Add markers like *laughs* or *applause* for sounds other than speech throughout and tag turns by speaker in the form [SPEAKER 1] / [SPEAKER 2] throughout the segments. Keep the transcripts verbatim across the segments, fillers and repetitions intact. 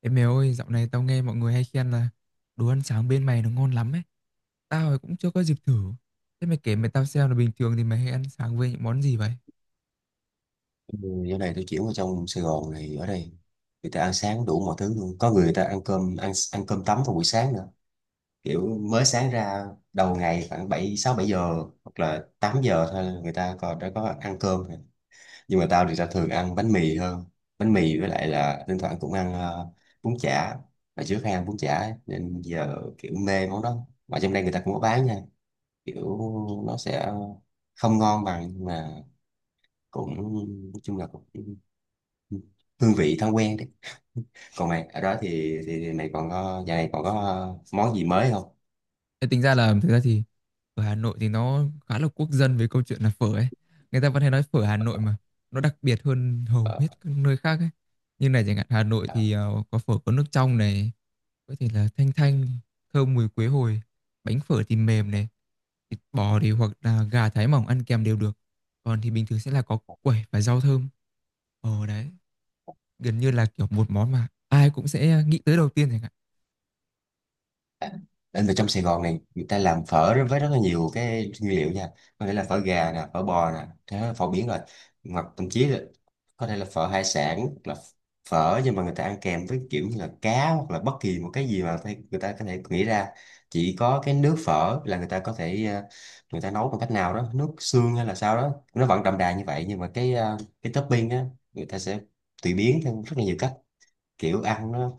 [SPEAKER 1] Ê mày ơi, dạo này tao nghe mọi người hay khen là đồ ăn sáng bên mày nó ngon lắm ấy. Tao thì cũng chưa có dịp thử. Thế mày kể mày tao xem là bình thường thì mày hay ăn sáng với những món gì vậy?
[SPEAKER 2] Ừ. Giờ này tôi chuyển vào trong Sài Gòn này ở đây người ta ăn sáng đủ mọi thứ luôn, có người, người ta ăn cơm, ăn ăn cơm tấm vào buổi sáng nữa, kiểu mới sáng ra, đầu ngày khoảng bảy, sáu bảy giờ hoặc là tám giờ thôi là người ta còn đã có ăn cơm rồi. Nhưng mà tao thì tao thường ăn bánh mì hơn, bánh mì, với lại là thỉnh thoảng cũng ăn ờ, bún chả. Hồi trước hay ăn bún chả ấy, nên giờ kiểu mê món đó, mà trong đây người ta cũng có bán nha, kiểu nó sẽ không ngon bằng, nhưng mà cũng, nói chung là cũng hương vị thói quen đấy. Còn mày ở đó thì thì, thì mày còn có giờ này còn có ờ, món gì mới không?
[SPEAKER 1] Ê, tính ra là thực ra thì ở Hà Nội thì nó khá là quốc dân về câu chuyện là phở ấy. Người ta vẫn hay nói phở Hà Nội mà nó đặc biệt hơn hầu hết
[SPEAKER 2] Ờ.
[SPEAKER 1] các nơi khác ấy. Như này chẳng hạn Hà Nội thì
[SPEAKER 2] À.
[SPEAKER 1] ờ, có phở, có nước trong này, có thể là thanh thanh, thơm mùi quế hồi, bánh phở thì mềm này, thịt bò thì hoặc là gà thái mỏng ăn kèm đều được. Còn thì bình thường sẽ là có quẩy và rau thơm. Ờ đấy, gần như là kiểu một món mà ai cũng sẽ nghĩ tới đầu tiên chẳng hạn.
[SPEAKER 2] Anh về trong Sài Gòn này người ta làm phở rất- với rất là nhiều cái nguyên liệu nha, có thể là phở gà nè, phở bò nè, thế là phở biển rồi, hoặc thậm chí là có thể là phở hải sản, hoặc là phở nhưng mà người ta ăn kèm với kiểu như là cá, hoặc là bất kỳ một cái gì mà phải- người ta có thể nghĩ ra. Chỉ có cái nước phở là người ta có thể ờ, người ta nấu bằng cách nào đó nước xương hay là sao đó, nó vẫn đậm đà như vậy, nhưng mà cái ờ, cái topping á, người ta sẽ tùy biến theo rất là nhiều cách, kiểu ăn nó,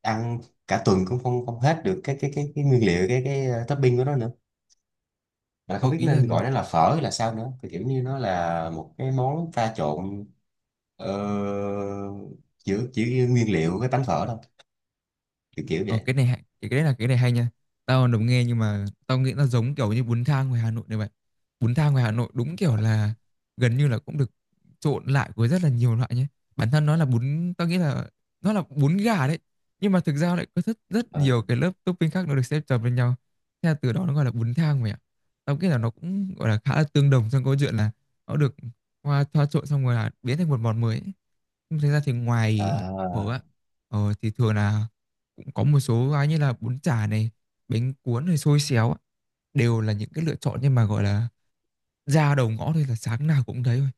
[SPEAKER 2] ăn cả tuần cũng không không hết được cái cái cái cái nguyên liệu, cái cái ờ, topping của nó nữa, mà không
[SPEAKER 1] Ừ,
[SPEAKER 2] biết
[SPEAKER 1] ý là
[SPEAKER 2] nên gọi nó là phở hay là sao nữa, thì kiểu như nó là một cái món pha trộn ờ, giữa chỉ nguyên liệu với bánh phở thôi, kiểu kiểu
[SPEAKER 1] Ờ,
[SPEAKER 2] vậy.
[SPEAKER 1] cái này hay- cái cái đấy là cái này hay nha, tao đồng nghe nhưng mà tao nghĩ nó giống kiểu như bún thang ngoài Hà Nội này vậy. Bún thang ngoài Hà Nội đúng kiểu
[SPEAKER 2] Ờ,
[SPEAKER 1] là gần như là cũng được trộn lại với rất là nhiều loại nhé, bản thân nó là bún, tao nghĩ là nó là bún gà đấy, nhưng mà thực ra lại có rất rất
[SPEAKER 2] ờ,
[SPEAKER 1] nhiều cái lớp topping khác nó được xếp chồng lên nhau. Thế là từ đó nó gọi là bún thang mày ạ. Tao nghĩ là nó cũng gọi là khá là tương đồng trong câu chuyện là nó được hoa thoa trộn xong rồi là biến thành một món mới ấy. Nhưng thực ra thì ngoài phở
[SPEAKER 2] à,
[SPEAKER 1] á, ờ, thì thường là cũng có một số cái như là bún chả này, bánh cuốn này, xôi xéo á, đều là những cái lựa chọn, nhưng mà gọi là ra đầu ngõ thôi là sáng nào cũng thấy thôi.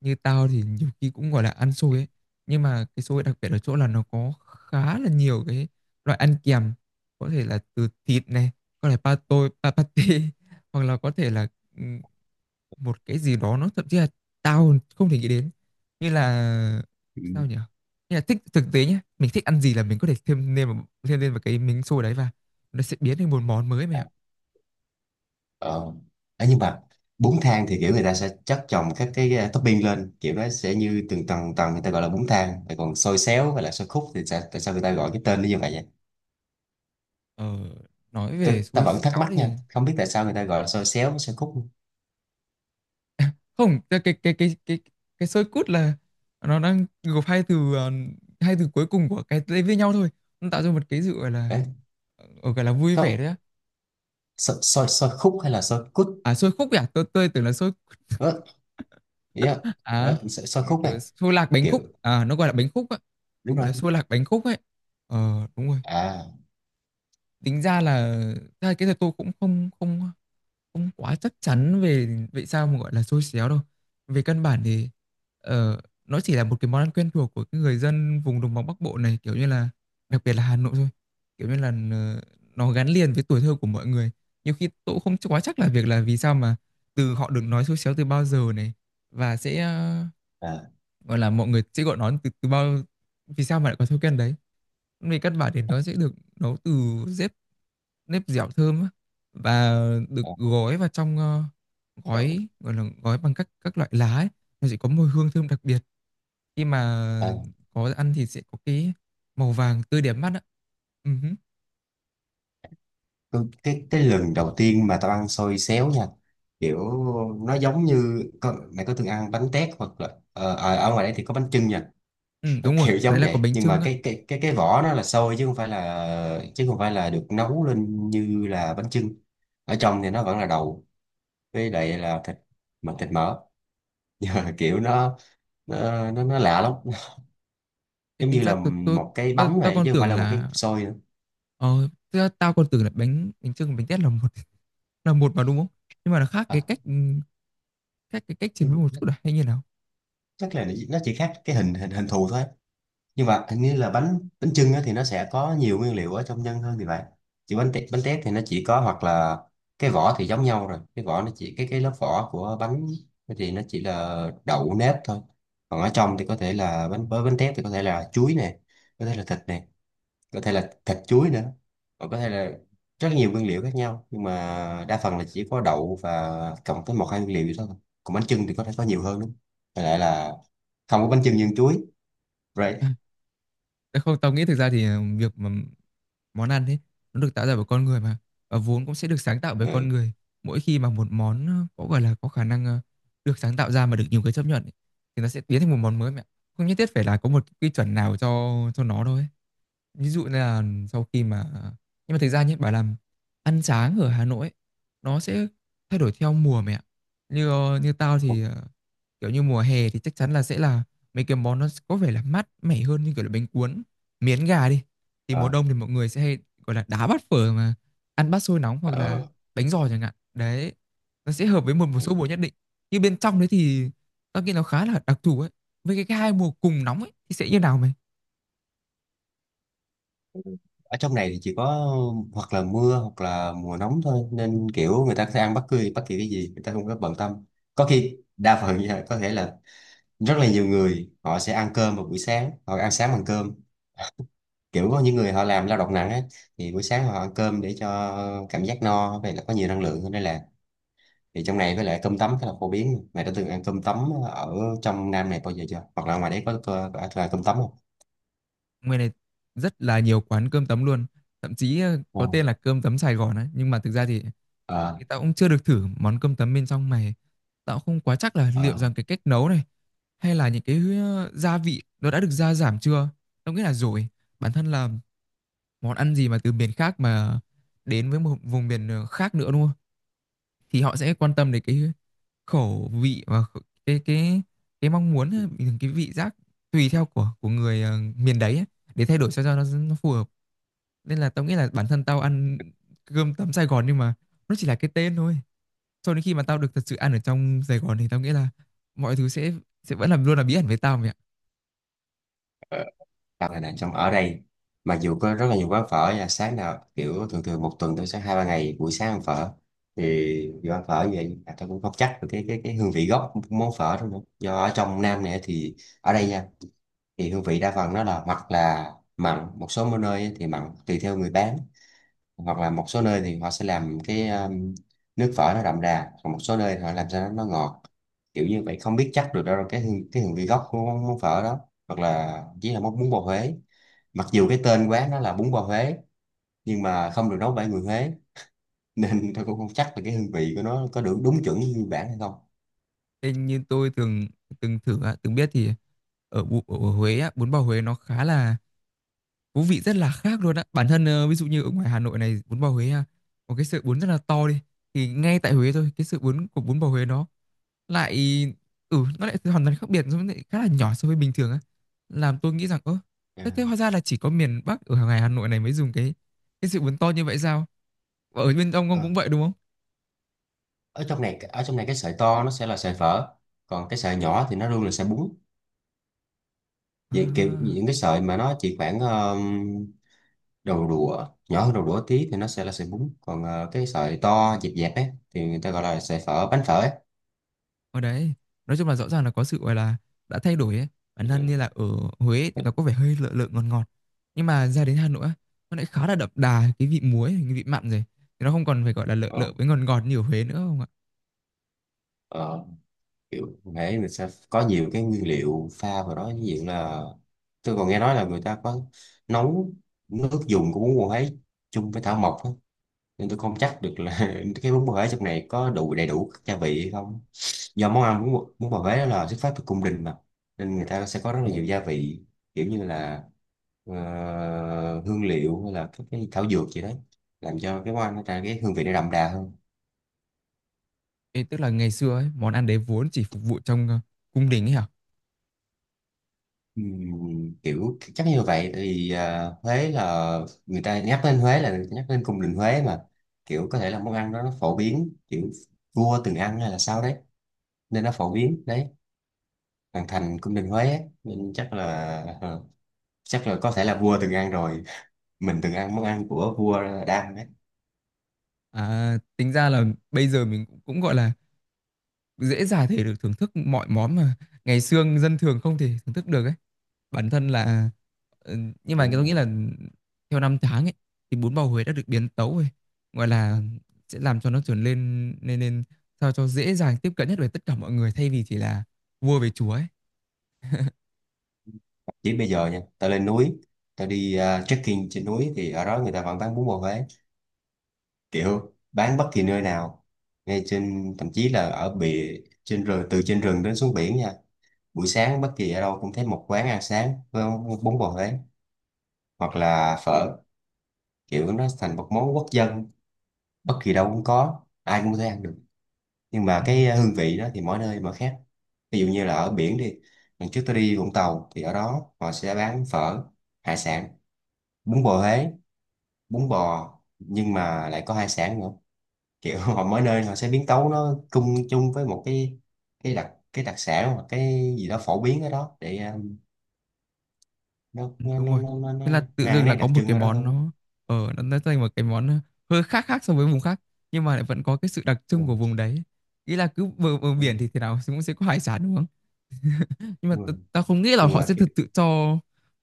[SPEAKER 1] Như tao thì nhiều khi cũng gọi là ăn xôi ấy, nhưng mà cái xôi đặc biệt ở chỗ là nó có khá là nhiều cái loại ăn kèm, có thể là từ thịt này, có thể pa tôi, pa pate, *laughs* hoặc là có thể là một cái gì đó nó thậm chí là tao không thể nghĩ đến, như là
[SPEAKER 2] ừ,
[SPEAKER 1] sao nhỉ, như là thích thực tế nhé, mình thích ăn gì là mình có thể thêm lên vào, thêm lên vào, cái miếng xôi đấy và nó sẽ biến thành một món mới mẹ
[SPEAKER 2] à,
[SPEAKER 1] ạ.
[SPEAKER 2] ờ. Ấy nhưng mà bún thang thì kiểu người ta sẽ chất chồng các cái ờ, topping lên, kiểu nó sẽ như từng tầng tầng, người ta gọi là bún thang. Rồi còn xôi xéo hay là xôi khúc thì sao, tại sao người ta gọi cái tên nó như vậy vậy?
[SPEAKER 1] Ờ, nói
[SPEAKER 2] ta,
[SPEAKER 1] về
[SPEAKER 2] ta
[SPEAKER 1] xôi
[SPEAKER 2] vẫn thắc
[SPEAKER 1] xéo
[SPEAKER 2] mắc
[SPEAKER 1] thì,
[SPEAKER 2] nha, không biết tại sao người ta gọi là xôi xéo với xôi khúc.
[SPEAKER 1] không, cái cái cái cái cái, cái xôi cút là nó đang gộp hai từ, ờ, hai từ cuối cùng của cái tên với nhau thôi, nó tạo ra một cái sự gọi là,
[SPEAKER 2] Đấy,
[SPEAKER 1] ờ, gọi là vui vẻ
[SPEAKER 2] không,
[SPEAKER 1] đấy á.
[SPEAKER 2] xôi, xôi, xôi khúc hay là xôi cút?
[SPEAKER 1] À xôi khúc ấy à tôi tôi tưởng là xôi,
[SPEAKER 2] ờ, yeah.
[SPEAKER 1] à,
[SPEAKER 2] ờ, xôi, xôi
[SPEAKER 1] một
[SPEAKER 2] khúc
[SPEAKER 1] kiểu
[SPEAKER 2] này,
[SPEAKER 1] xôi lạc bánh
[SPEAKER 2] kiểu,
[SPEAKER 1] khúc, à, nó gọi là bánh khúc á.
[SPEAKER 2] đúng
[SPEAKER 1] Gọi
[SPEAKER 2] rồi.
[SPEAKER 1] là xua lạc bánh khúc ấy. Ờ đúng rồi.
[SPEAKER 2] À.
[SPEAKER 1] Tính ra là ra là cái thật, tôi cũng không không không quá chắc chắn về vậy sao mà gọi là xôi xéo đâu. Về căn bản thì ờ, nó chỉ là một cái món ăn quen thuộc của cái người dân vùng đồng bằng Bắc Bộ này, kiểu như là đặc biệt là Hà Nội thôi. Kiểu như là ờ, nó gắn liền với tuổi thơ của mọi người. Nhiều khi tôi cũng không quá chắc là việc là vì sao mà từ họ được nói xôi xéo từ bao giờ này, và sẽ ờ,
[SPEAKER 2] À,
[SPEAKER 1] gọi là mọi người sẽ gọi nó từ từ bao, vì sao mà lại có thói quen đấy. Về căn bản thì nó sẽ được nấu từ nếp, nếp dẻo thơm á, và được
[SPEAKER 2] à,
[SPEAKER 1] gói vào trong, ờ,
[SPEAKER 2] đậu-
[SPEAKER 1] gói gọi là gói bằng các các loại lá ấy. Nó sẽ có mùi hương thơm đặc biệt khi mà
[SPEAKER 2] à.
[SPEAKER 1] có ăn thì sẽ có cái màu vàng tươi đẹp mắt á. Ừ, hứ.
[SPEAKER 2] Cái, cái cái lần đầu tiên mà tao ăn xôi xéo nha, kiểu nó giống như, có, mày có từng ăn bánh tét, hoặc là ờ, à, ở ngoài đây thì có bánh chưng nha.
[SPEAKER 1] Ừ,
[SPEAKER 2] Nó
[SPEAKER 1] đúng rồi,
[SPEAKER 2] kiểu
[SPEAKER 1] đấy
[SPEAKER 2] giống
[SPEAKER 1] là có
[SPEAKER 2] vậy
[SPEAKER 1] bánh
[SPEAKER 2] nhưng
[SPEAKER 1] chưng
[SPEAKER 2] mà
[SPEAKER 1] á.
[SPEAKER 2] cái cái cái cái vỏ nó là xôi, chứ không phải là chứ không phải là được nấu lên như là bánh chưng. Ở trong thì nó vẫn là đậu, với lại là thịt, mà thịt mỡ, *laughs* kiểu nó nó nó, nó lạ lắm, *laughs*
[SPEAKER 1] Thế
[SPEAKER 2] giống như
[SPEAKER 1] tính ra
[SPEAKER 2] là
[SPEAKER 1] tôi tôi
[SPEAKER 2] một cái
[SPEAKER 1] tôi,
[SPEAKER 2] bánh
[SPEAKER 1] tôi
[SPEAKER 2] này
[SPEAKER 1] còn
[SPEAKER 2] chứ không phải
[SPEAKER 1] tưởng
[SPEAKER 2] là một cái cục
[SPEAKER 1] là,
[SPEAKER 2] xôi nữa.
[SPEAKER 1] ờ thực ra tao còn tưởng là bánh bánh chưng và bánh tét là một, *laughs* là một mà đúng không? Nhưng mà nó khác cái
[SPEAKER 2] À,
[SPEAKER 1] cách ừ, khác cái cách chế biến một chút là hay như nào?
[SPEAKER 2] chắc là nó chỉ khác cái hình hình hình thù thôi, nhưng mà hình như là bánh bánh chưng á, thì nó sẽ có nhiều nguyên liệu ở trong nhân hơn thì vậy. Chỉ bánh tét, bánh tét thì nó chỉ có, hoặc là cái vỏ thì giống nhau rồi, cái vỏ nó chỉ, cái cái lớp vỏ của bánh thì nó chỉ là đậu nếp thôi, còn ở trong thì có thể là bánh, với bánh tét thì có thể là chuối nè, có thể là thịt nè, có thể là thịt chuối nữa, còn có thể là rất nhiều nguyên liệu khác nhau, nhưng mà đa phần là chỉ có đậu và cộng tới một hai nguyên liệu vậy thôi. Còn bánh chưng thì có thể có nhiều hơn nữa. Với lại là không có bánh chưng nhân chuối, right.
[SPEAKER 1] À. Đấy. Không, tao nghĩ thực ra thì, ờ, việc mà món ăn ấy nó được tạo ra bởi con người mà, và vốn cũng sẽ được sáng tạo bởi con
[SPEAKER 2] Ừ.
[SPEAKER 1] người, mỗi khi mà một món, ờ, có gọi là có khả năng, ờ, được sáng tạo ra mà được nhiều người chấp nhận ấy, thì nó sẽ biến thành một món mới mẹ ạ. Không nhất thiết phải là có một quy chuẩn nào cho cho nó đâu ấy. Ví dụ như là sau khi mà, nhưng mà thực ra nhé, bảo làm ăn sáng ở Hà Nội ấy, nó sẽ thay đổi theo mùa mày ạ. Như, ờ, như tao thì, ờ, kiểu như, mùa hè thì chắc chắn là sẽ là mấy cái món nó có vẻ là mát mẻ hơn như kiểu là bánh cuốn, miến gà đi. Thì mùa
[SPEAKER 2] Ờ.
[SPEAKER 1] đông thì mọi người sẽ hay, gọi là, đá bát phở mà ăn bát xôi nóng hoặc là
[SPEAKER 2] Ờ.
[SPEAKER 1] bánh giò chẳng hạn. Đấy, nó sẽ hợp với một một số mùa nhất định. Nhưng bên trong đấy thì tao nghĩ nó khá là đặc thù ấy. Với cái cái hai mùa cùng nóng ấy thì sẽ như nào mày?
[SPEAKER 2] Ở trong này thì chỉ có hoặc là mưa hoặc là mùa nóng thôi, nên kiểu người ta sẽ ăn bất cứ bất kỳ cái gì, người ta không có bận tâm. Có khi đa phần nha, có thể là rất là nhiều người họ sẽ ăn cơm vào buổi sáng, họ ăn sáng bằng cơm, kiểu có những người họ làm lao động nặng ấy, thì buổi sáng họ ăn cơm để cho cảm giác no, vậy là có nhiều năng lượng hơn đây là. Thì trong này với lại cơm tấm khá là phổ biến, mày đã từng ăn cơm tấm ở trong Nam này bao giờ chưa, hoặc là ngoài đấy có, có, có, có ăn cơm tấm không?
[SPEAKER 1] Ngoài này rất là nhiều quán cơm tấm luôn. Thậm chí ờ,
[SPEAKER 2] Ồ.
[SPEAKER 1] có tên là cơm tấm Sài Gòn ấy. Nhưng mà thực ra thì,
[SPEAKER 2] Ờ,
[SPEAKER 1] thì tao cũng chưa được thử món cơm tấm bên trong này. Tao cũng không quá chắc là liệu
[SPEAKER 2] ờ,
[SPEAKER 1] rằng cái cách nấu này hay là những cái, ờ, gia vị nó đã được gia giảm chưa. Tao nghĩ là rồi. Bản thân là món ăn gì mà từ miền khác mà đến với một vùng miền, ờ, khác nữa đúng không? Thì họ sẽ quan tâm đến cái khẩu vị và khẩu- cái cái cái mong muốn, ờ, cái vị giác tùy theo của của người, ờ, miền đấy ấy, để thay đổi sao cho nó, nó phù hợp, nên là tao nghĩ là bản thân tao ăn cơm tấm Sài Gòn nhưng mà nó chỉ là cái tên thôi, cho đến khi mà tao được thật sự ăn ở trong Sài Gòn thì tao nghĩ là mọi thứ sẽ sẽ vẫn làm luôn là bí ẩn với tao mẹ ạ.
[SPEAKER 2] ờ. Hoặc là này, trong ở đây mặc dù có rất là nhiều quán phở, là sáng nào kiểu thường thường một tuần tôi sẽ hai ba ngày buổi sáng ăn phở. Thì do ăn phở như vậy à, tôi cũng không chắc được cái cái cái hương vị gốc món phở đó nữa, do ở trong Nam này thì ở đây nha, thì hương vị đa phần nó là hoặc là mặn, một số nơi ấy thì mặn tùy theo người bán, hoặc là một số nơi thì họ sẽ làm cái um, nước phở nó đậm đà, còn một số nơi họ làm sao nó ngọt, kiểu như vậy không biết chắc được đâu cái hương, cái hương vị gốc của món, món phở đó. Hoặc là chỉ là món bún bò Huế, mặc dù cái tên quán nó là bún bò Huế nhưng mà không được nấu bởi người Huế, *laughs* nên tôi cũng không chắc là cái hương vị của nó có được đúng chuẩn như nguyên bản hay không.
[SPEAKER 1] Thế như tôi từng, từng thử á, từng biết thì ở, Bu- ở Huế á, bún bò Huế nó khá là thú vị, rất là khác luôn á, bản thân, ờ, ví dụ như ở ngoài Hà Nội này bún bò Huế á, có cái sợi bún rất là to đi, thì ngay tại Huế thôi cái sợi bún của bún bò Huế nó lại, ừ nó lại hoàn toàn khác biệt, nó lại khá là nhỏ so với bình thường á, làm tôi nghĩ rằng ơ
[SPEAKER 2] À.
[SPEAKER 1] thế, thế hóa ra là chỉ có miền Bắc ở ngoài Hà Nội này mới dùng cái cái sự bún to như vậy sao. Và ở bên ông ông
[SPEAKER 2] Ờ.
[SPEAKER 1] cũng vậy đúng không?
[SPEAKER 2] ở trong này ở trong này cái sợi to nó sẽ là sợi phở, còn cái sợi nhỏ thì nó luôn là sợi bún.
[SPEAKER 1] À,
[SPEAKER 2] Vậy kiểu những cái sợi mà nó chỉ khoảng um, đầu đũa, nhỏ hơn đầu đũa tí thì nó sẽ là sợi bún, còn ờ, cái sợi to dẹp dẹp ấy thì người ta gọi là sợi phở, bánh phở ấy.
[SPEAKER 1] ở đấy, nói chung là rõ ràng là có sự gọi là đã thay đổi ấy, bản thân như
[SPEAKER 2] Ừ.
[SPEAKER 1] là ở Huế thì nó có vẻ hơi lợ lợ ngọt ngọt, nhưng mà ra đến Hà Nội á, nó lại khá là đậm đà cái vị muối cái vị mặn rồi, thì nó không còn phải gọi là lợ
[SPEAKER 2] ờ,
[SPEAKER 1] lợ với ngọt ngọt như ở Huế nữa, không ạ?
[SPEAKER 2] ờ, Kiểu thế mình sẽ có nhiều cái nguyên liệu pha vào đó, ví dụ là tôi còn nghe nói là người ta có nấu nước dùng của bún bò ấy chung với thảo mộc á. Nên tôi không chắc được là *laughs* cái bún bò Huế trong này có đủ đầy đủ các gia vị hay không, do món ăn bún, bò- bún bò Huế đó là xuất phát từ cung đình mà, nên người ta sẽ có rất là nhiều gia vị, kiểu như là ờ, hương liệu hay là các cái thảo dược gì đấy, làm cho cái món ăn nó ra cái hương vị nó đậm đà hơn.
[SPEAKER 1] Ê, tức là ngày xưa ấy, món ăn đấy vốn chỉ phục vụ trong, ờ, cung đình ấy hả?
[SPEAKER 2] Ừm, kiểu chắc như vậy thì ờ, Huế là người ta nhắc đến Huế là nhắc đến cung đình Huế mà, kiểu có thể là món ăn đó nó phổ biến, kiểu vua từng ăn hay là sao đấy nên nó phổ biến đấy, hoàng thành cung đình Huế á, nên chắc là ờ, chắc là có thể là vua từng ăn rồi, mình từng ăn món ăn của vua Đam ấy.
[SPEAKER 1] À, tính ra là bây giờ mình cũng cũng, gọi là, dễ dàng thể được thưởng thức mọi món mà ngày xưa dân thường không thể thưởng thức được ấy. Bản thân là, ờ, nhưng mà
[SPEAKER 2] Đúng
[SPEAKER 1] tôi nghĩ
[SPEAKER 2] rồi.
[SPEAKER 1] là theo năm tháng ấy thì bún bò Huế đã được biến tấu rồi, gọi là, sẽ làm cho nó trở lên nên, nên sao cho dễ dàng tiếp cận nhất với tất cả mọi người, thay vì chỉ là vua về chúa ấy.
[SPEAKER 2] Chỉ bây giờ nha tao lên núi, tao đi ờ, trekking trên núi thì ở đó người ta vẫn bán bún bò Huế, kiểu bán bất kỳ nơi nào, ngay trên thậm chí là ở bìa trên rừng, từ trên rừng đến xuống biển nha, buổi sáng bất kỳ ở đâu cũng thấy một quán ăn sáng với bún bò Huế hoặc là phở, kiểu nó thành một món quốc dân, bất kỳ đâu cũng có, ai cũng có thể ăn được, nhưng mà
[SPEAKER 1] Ừm.
[SPEAKER 2] cái ờ, hương vị đó thì mỗi nơi mỗi khác. Ví dụ như là ở biển đi, lần trước tôi đi Vũng Tàu thì ở đó họ sẽ bán phở hải sản, bún bò Huế, bún bò nhưng mà lại có hải sản nữa, kiểu *laughs* họ mỗi nơi họ sẽ biến tấu nó chung chung với một cái cái đặc, cái đặc sản hoặc cái gì đó phổ biến ở đó để um, nó
[SPEAKER 1] Ừ,
[SPEAKER 2] nó
[SPEAKER 1] đúng
[SPEAKER 2] nó
[SPEAKER 1] rồi,
[SPEAKER 2] nó, nó, nó
[SPEAKER 1] thế là
[SPEAKER 2] mang
[SPEAKER 1] tự
[SPEAKER 2] cái
[SPEAKER 1] dưng là
[SPEAKER 2] nét
[SPEAKER 1] có
[SPEAKER 2] đặc
[SPEAKER 1] một
[SPEAKER 2] trưng
[SPEAKER 1] cái
[SPEAKER 2] ở đó
[SPEAKER 1] món,
[SPEAKER 2] hơn.
[SPEAKER 1] nó ở nó nó thành một cái món, ờ, hơi khác khác so với vùng khác, nhưng mà lại vẫn có cái sự đặc trưng của vùng đấy, nghĩ là cứ bờ, bờ
[SPEAKER 2] Ừ.
[SPEAKER 1] biển thì thế nào cũng sẽ có hải sản đúng không, nhưng mà
[SPEAKER 2] Ừ.
[SPEAKER 1] ta, ta không nghĩ là
[SPEAKER 2] Nhưng
[SPEAKER 1] họ
[SPEAKER 2] mà
[SPEAKER 1] sẽ thực sự cho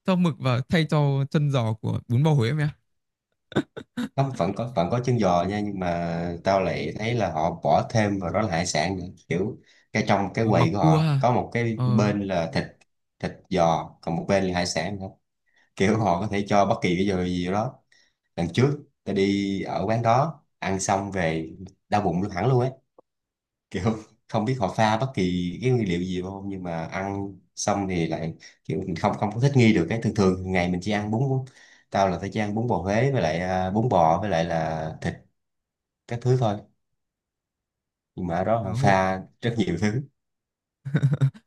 [SPEAKER 1] cho mực và thay cho chân giò của bún bò Huế em ạ.
[SPEAKER 2] có, vẫn có, vẫn có chân giò nha, nhưng mà tao lại thấy là họ bỏ thêm vào đó là hải sản nữa, kiểu cái trong cái
[SPEAKER 1] Ờ, mặc
[SPEAKER 2] quầy của
[SPEAKER 1] cua
[SPEAKER 2] họ
[SPEAKER 1] ha.
[SPEAKER 2] có một cái
[SPEAKER 1] Ờ.
[SPEAKER 2] bên là thịt, thịt giò, còn một bên là hải sản nữa, kiểu họ có thể cho bất kỳ cái giò gì vào đó. Lần trước tao đi ở quán đó ăn xong về đau bụng luôn, hẳn luôn ấy, kiểu không biết họ pha bất kỳ cái nguyên liệu gì vào không, nhưng mà ăn xong thì lại kiểu mình không không có thích nghi được cái, thường thường ngày mình chỉ ăn bún. Tao là tao chỉ ăn bún bò Huế với lại à, bún bò với lại là thịt các thứ thôi, nhưng mà ở đó
[SPEAKER 1] ờ,
[SPEAKER 2] họ
[SPEAKER 1] hộ-
[SPEAKER 2] pha rất nhiều thứ.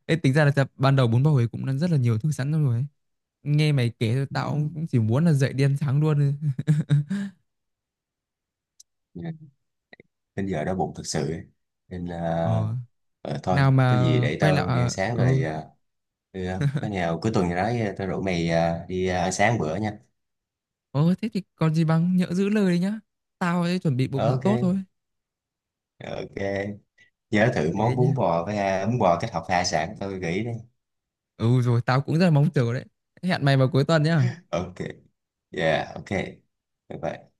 [SPEAKER 1] Ê, tính ra là ta- ban đầu bún bò Huế cũng đã rất là nhiều thứ sẵn rồi ấy. Nghe mày kể thôi tao
[SPEAKER 2] Ừ.
[SPEAKER 1] cũng cũng chỉ muốn là dậy đi ăn sáng luôn *laughs*
[SPEAKER 2] Đến giờ đói bụng thật sự ấy. Nên là
[SPEAKER 1] ờ
[SPEAKER 2] ờ, thôi
[SPEAKER 1] nào
[SPEAKER 2] có
[SPEAKER 1] mà
[SPEAKER 2] gì để
[SPEAKER 1] quay lại,
[SPEAKER 2] tao đi ăn
[SPEAKER 1] à,
[SPEAKER 2] sáng
[SPEAKER 1] ừ.
[SPEAKER 2] rồi. Ờ. Ừ, có nào cuối tuần gì đó ờ, tao rủ mày ờ, đi ờ, ăn sáng bữa nha.
[SPEAKER 1] Ồ thế thì còn gì bằng, nhỡ giữ lời đấy nhá. Tao ấy chuẩn bị bụng thật tốt thôi.
[SPEAKER 2] OK. OK. Nhớ thử
[SPEAKER 1] Thế
[SPEAKER 2] món bún
[SPEAKER 1] nhá.
[SPEAKER 2] bò với ờ, bún bò kết hợp hải sản tao gợi ý đi.
[SPEAKER 1] Ừ rồi tao cũng rất là mong chờ đấy. Hẹn mày vào cuối tuần nhá.
[SPEAKER 2] OK. Yeah, OK. Bye bye.